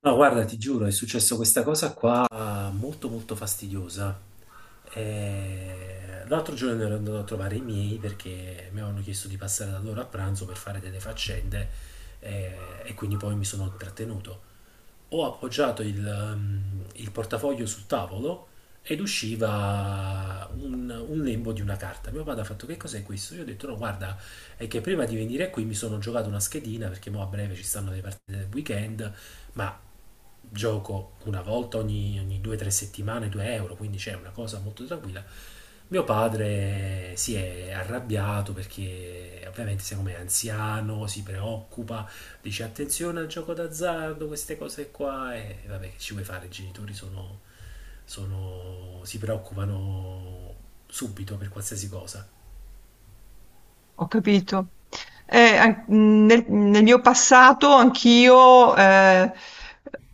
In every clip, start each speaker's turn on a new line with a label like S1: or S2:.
S1: No, guarda, ti giuro, è successo questa cosa qua molto molto fastidiosa. L'altro giorno ero andato a trovare i miei perché mi avevano chiesto di passare da loro a pranzo per fare delle faccende, eh, e quindi poi mi sono trattenuto. Ho appoggiato il portafoglio sul tavolo ed usciva un lembo di una carta. Mio padre ha fatto: che cos'è questo? Io ho detto no, guarda, è che prima di venire qui mi sono giocato una schedina perché mo a breve ci stanno le partite del weekend. Ma gioco una volta ogni due o tre settimane 2 euro, quindi c'è una cosa molto tranquilla. Mio padre si è arrabbiato perché ovviamente siccome è anziano, si preoccupa, dice attenzione al gioco d'azzardo, queste cose qua. E vabbè, che ci vuoi fare, i genitori si preoccupano subito per qualsiasi cosa.
S2: Ho capito. Eh, an- nel mio passato anch'io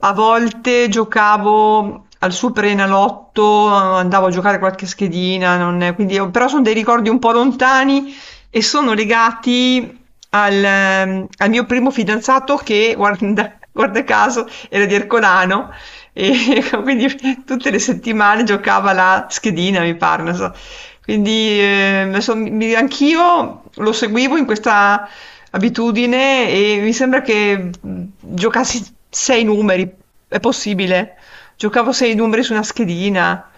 S2: a volte giocavo al Superenalotto, andavo a giocare qualche schedina, quindi però sono dei ricordi un po' lontani e sono legati al mio primo fidanzato che, guarda, guarda caso, era di Ercolano e quindi tutte le settimane giocava la schedina, mi pare, non so. Quindi anch'io lo seguivo in questa abitudine e mi sembra che giocassi sei numeri, è possibile. Giocavo sei numeri su una schedina.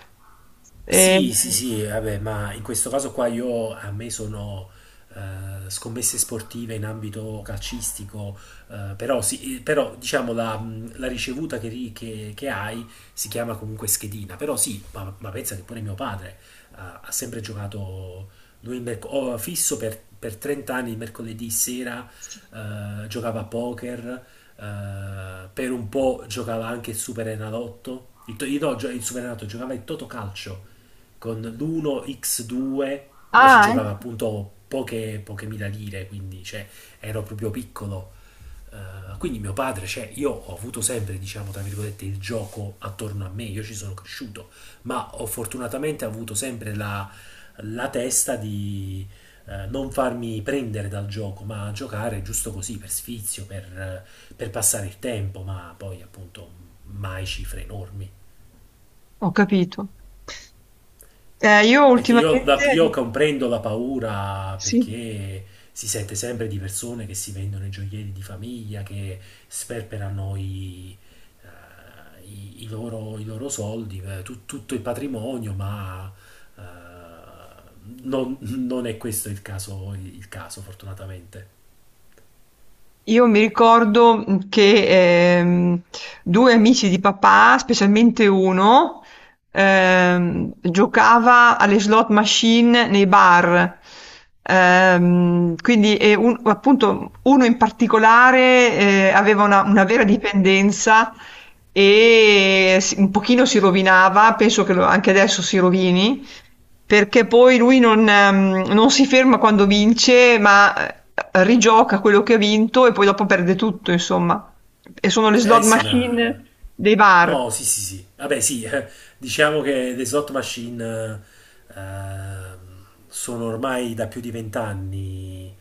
S2: e-
S1: Sì, sì, sì, vabbè, ma in questo caso qua io a me sono, scommesse sportive in ambito calcistico, però sì, però, diciamo la, la ricevuta che hai si chiama comunque schedina, però sì, ma pensa che pure mio padre ha sempre giocato, lui oh, fisso per 30 anni il mercoledì sera, giocava a poker, per un po' giocava anche il Superenalotto, il, to- no, gio- il Superenalotto giocava il Totocalcio con l'1x2, ma ci
S2: Ah,
S1: giocava
S2: ecco,
S1: appunto poche mila lire, quindi cioè, ero proprio piccolo. Quindi mio padre, cioè, io ho avuto sempre, diciamo, tra virgolette, il gioco attorno a me, io ci sono cresciuto, ma ho fortunatamente avuto sempre la testa di non farmi prendere dal gioco, ma giocare giusto così, per sfizio, per passare il tempo, ma poi appunto mai cifre enormi.
S2: ho capito. Io
S1: Perché io, io
S2: ultimamente.
S1: comprendo la paura
S2: Sì.
S1: perché si sente sempre di persone che si vendono i gioielli di famiglia, che sperperano i loro soldi, tutto il patrimonio, ma eh, non è questo il caso, fortunatamente.
S2: Io mi ricordo che due amici di papà, specialmente uno, giocava alle slot machine nei bar. Quindi, appunto, uno in particolare aveva una vera dipendenza e un pochino si rovinava, penso che anche adesso si rovini. Perché poi lui non si ferma quando vince, ma, rigioca quello che ha vinto e poi dopo perde tutto insomma. E sono le slot
S1: Eh sì, ma
S2: machine dei bar.
S1: no, sì, sì, sì. Vabbè, sì, diciamo che le slot machine sono ormai da più di vent'anni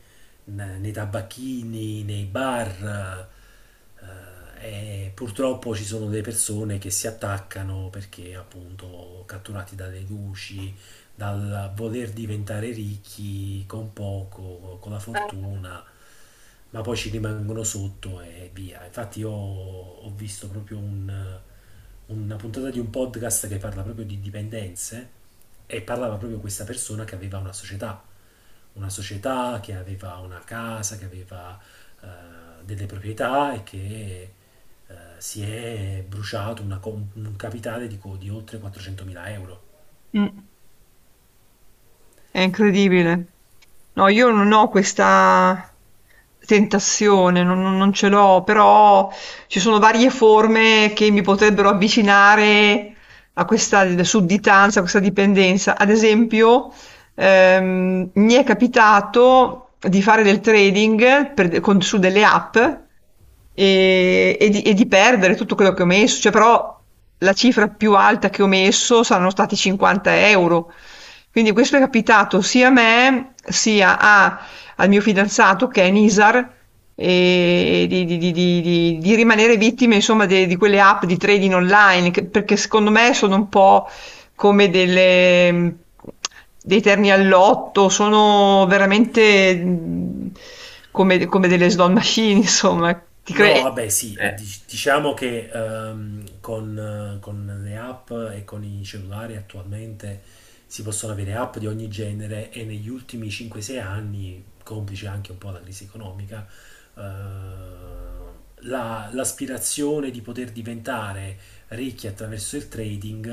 S1: nei tabacchini, nei bar, e purtroppo ci sono delle persone che si attaccano perché appunto catturati dalle luci, dal voler diventare ricchi con poco, con la fortuna, ma poi ci rimangono sotto e via. Infatti io ho visto proprio una puntata di un podcast che parla proprio di dipendenze e parlava proprio questa persona che aveva una società che aveva una casa, che aveva eh, delle proprietà e che si è bruciato un capitale di oltre 400.000 euro.
S2: Mh, è incredibile. No, io non ho questa tentazione, non ce l'ho, però ci sono varie forme che mi potrebbero avvicinare a questa d sudditanza, a questa dipendenza. Ad esempio, mi è capitato di fare del trading su delle app e di perdere tutto quello che ho messo, cioè, però la cifra più alta che ho messo saranno stati 50 euro. Quindi questo è capitato sia a me sia al mio fidanzato che è Nisar e di rimanere vittime, insomma, di quelle app di trading online, perché secondo me sono un po' come dei terni all'otto, sono veramente come delle slot machine, insomma. Ti
S1: No,
S2: cre-
S1: vabbè, sì, diciamo che con le app e con i cellulari attualmente si possono avere app di ogni genere e negli ultimi 5-6 anni, complice anche un po' la crisi economica, eh, l'aspirazione di poter diventare ricchi attraverso il trading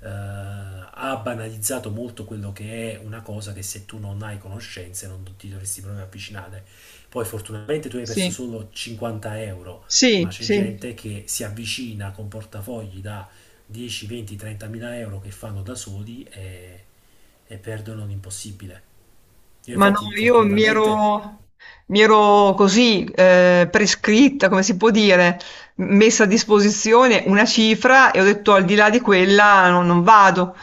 S1: ha banalizzato molto quello che è una cosa che se tu non hai conoscenze non ti dovresti proprio avvicinare. Poi fortunatamente tu hai perso
S2: sì,
S1: solo 50 euro, ma
S2: sì,
S1: c'è
S2: sì.
S1: gente che si avvicina con portafogli da 10, 20, 30 mila euro che fanno da soli e perdono l'impossibile. Io
S2: Ma no,
S1: infatti
S2: io mi
S1: fortunatamente
S2: ero, mi ero così prescritta, come si può dire, messa a disposizione una cifra e ho detto al di là di quella non vado.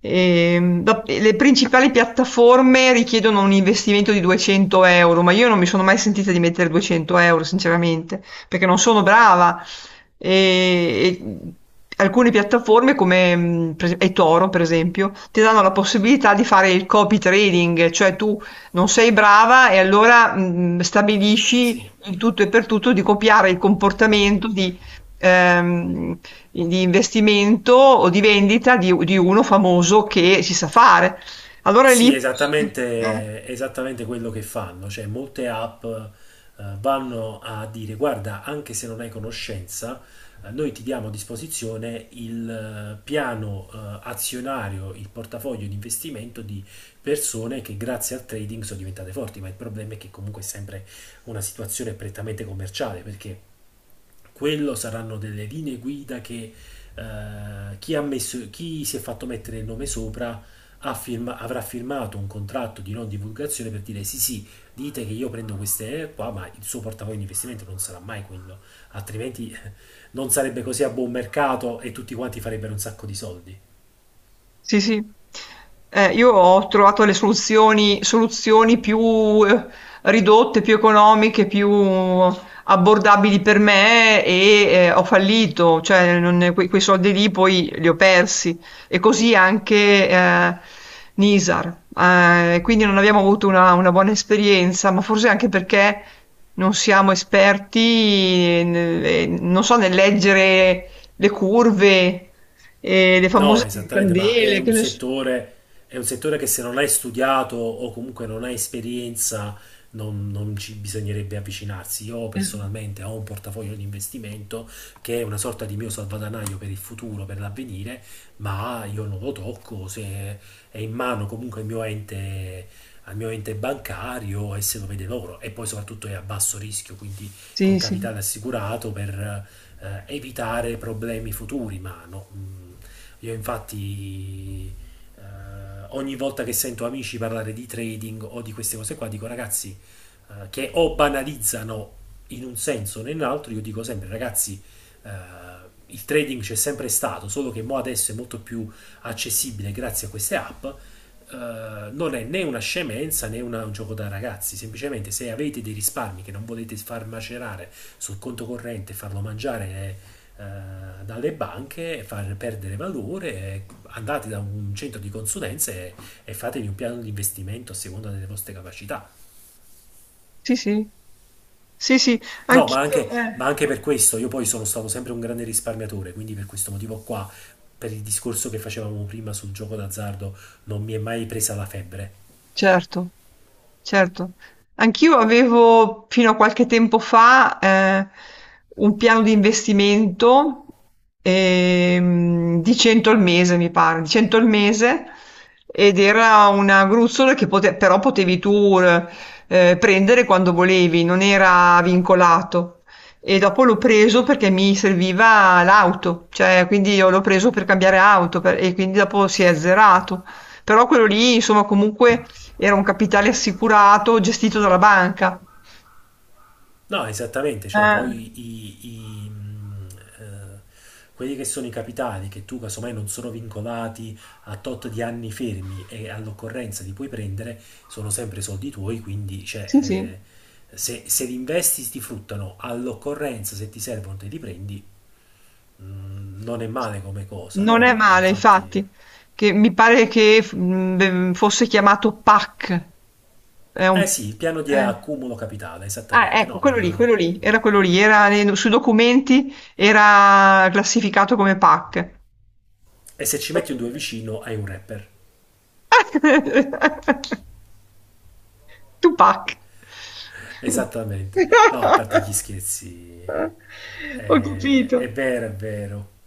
S2: Le principali piattaforme richiedono un investimento di 200 euro, ma io non mi sono mai sentita di mettere 200 euro, sinceramente, perché non sono brava. E alcune piattaforme come eToro, per esempio, ti danno la possibilità di fare il copy trading, cioè tu non sei brava e allora
S1: sì.
S2: stabilisci in tutto e per tutto di copiare il comportamento ehm, di investimento o di vendita di uno famoso che si sa fare. Allora lì.
S1: Sì,
S2: Eh.
S1: esattamente, esattamente quello che fanno, cioè molte app vanno a dire guarda, anche se non hai conoscenza, noi ti diamo a disposizione il piano azionario, il portafoglio di investimento di persone che grazie al trading sono diventate forti, ma il problema è che comunque è sempre una situazione prettamente commerciale, perché quello saranno delle linee guida che eh, chi ha messo, chi si è fatto mettere il nome sopra avrà firmato un contratto di non divulgazione per dire sì sì, dite che io prendo queste qua, ma il suo portafoglio di investimento non sarà mai quello, altrimenti non sarebbe così a buon mercato e tutti quanti farebbero un sacco di soldi.
S2: Sì, sì. Io ho trovato le soluzioni più eh, ridotte, più economiche, più abbordabili per me e ho fallito, cioè quei soldi lì poi li ho persi. E così anche Nisar. Quindi non abbiamo avuto una buona esperienza, ma forse anche perché non siamo esperti, non so, nel leggere le curve e le
S1: No,
S2: famose
S1: esattamente, ma
S2: candele, che ne so.
S1: è un settore che se non hai studiato o comunque non hai esperienza, non ci bisognerebbe avvicinarsi. Io personalmente ho un portafoglio di investimento che è una sorta di mio salvadanaio per il futuro, per l'avvenire, ma io non lo tocco, se è in mano comunque al mio ente bancario e se lo vede loro. E poi soprattutto è a basso rischio, quindi col
S2: Sì, sì,
S1: capitale assicurato per evitare problemi futuri, ma no. Io infatti, eh, ogni volta che sento amici parlare di trading o di queste cose qua, dico ragazzi, che o banalizzano in un senso o nell'altro, io dico sempre ragazzi, eh, il trading c'è sempre stato, solo che mo adesso è molto più accessibile grazie a queste app. Non è né una scemenza né una- un gioco da ragazzi, semplicemente se avete dei risparmi che non volete far macerare sul conto corrente e farlo mangiare dalle banche e far perdere valore, andate da un centro di consulenze e fatevi un piano di investimento a seconda delle vostre capacità.
S2: sì, sì, sì, sì,
S1: No,
S2: anch'io,
S1: ma anche per questo, io poi sono stato sempre un grande risparmiatore, quindi per questo motivo qua, per il discorso che facevamo prima sul gioco d'azzardo, non mi è mai presa la febbre.
S2: certo. Certo. Anch'io avevo fino a qualche tempo fa un piano di investimento di 100 al mese, mi pare, di 100 al mese ed era una gruzzola che però potevi tu prendere quando volevi, non era vincolato. E dopo l'ho preso perché mi serviva l'auto, cioè quindi io l'ho preso per cambiare auto e quindi dopo si è azzerato. Però quello lì, insomma, comunque era un capitale assicurato gestito dalla banca.
S1: No, esattamente, cioè
S2: Eh,
S1: poi mh, eh, quelli che sono i capitali che tu casomai non sono vincolati a tot di anni fermi e all'occorrenza li puoi prendere, sono sempre soldi tuoi, quindi
S2: sì, sì,
S1: cioè, se li investi ti fruttano all'occorrenza, se ti servono te li prendi, non è male come cosa,
S2: non
S1: no,
S2: è
S1: ma
S2: male,
S1: infatti...
S2: infatti, che mi pare che fosse chiamato PAC. È un.
S1: Eh sì, il piano di
S2: eh.
S1: accumulo capitale,
S2: Ah,
S1: esattamente,
S2: ecco,
S1: no, ma...
S2: quello lì, era sui documenti era classificato come PAC.
S1: E se ci metti un due vicino hai un rapper.
S2: Tupac.
S1: Esattamente. No, a parte gli scherzi,
S2: Ho
S1: è
S2: capito.
S1: vero, è vero.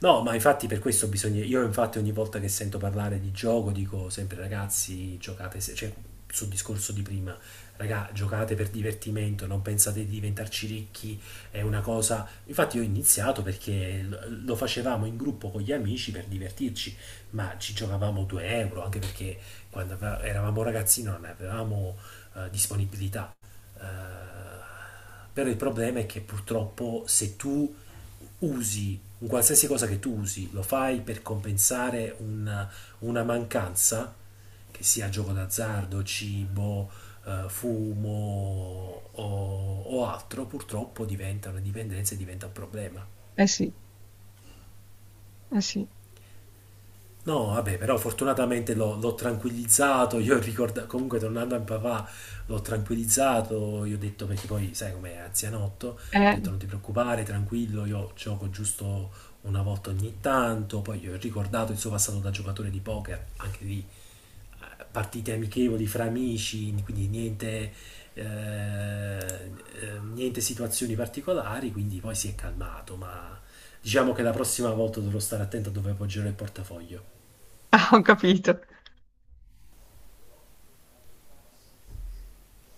S1: No, ma infatti per questo bisogna... Io infatti ogni volta che sento parlare di gioco dico sempre ragazzi, giocate, se... cioè sul discorso di prima, raga, giocate per divertimento, non pensate di diventarci ricchi, è una cosa... Infatti io ho iniziato perché lo facevamo in gruppo con gli amici per divertirci, ma ci giocavamo 2 euro, anche perché eravamo ragazzini non avevamo disponibilità. Però il problema è che purtroppo se tu usi un qualsiasi cosa che tu usi, lo fai per compensare una mancanza, che sia gioco d'azzardo, cibo, fumo o altro, purtroppo diventa una dipendenza e diventa un problema.
S2: Eh sì, eh sì.
S1: No, vabbè, però fortunatamente l'ho tranquillizzato, io ricordo, comunque tornando a papà l'ho tranquillizzato, io ho detto perché poi sai com'è, anzianotto, ho detto
S2: Eh.
S1: non ti preoccupare, tranquillo, io gioco giusto una volta ogni tanto, poi gli ho ricordato il suo passato da giocatore di poker, anche lì partite amichevoli fra amici, quindi niente, niente situazioni particolari, quindi poi si è calmato, ma diciamo che la prossima volta dovrò stare attento a dove appoggerò il portafoglio.
S2: Ah, ho capito.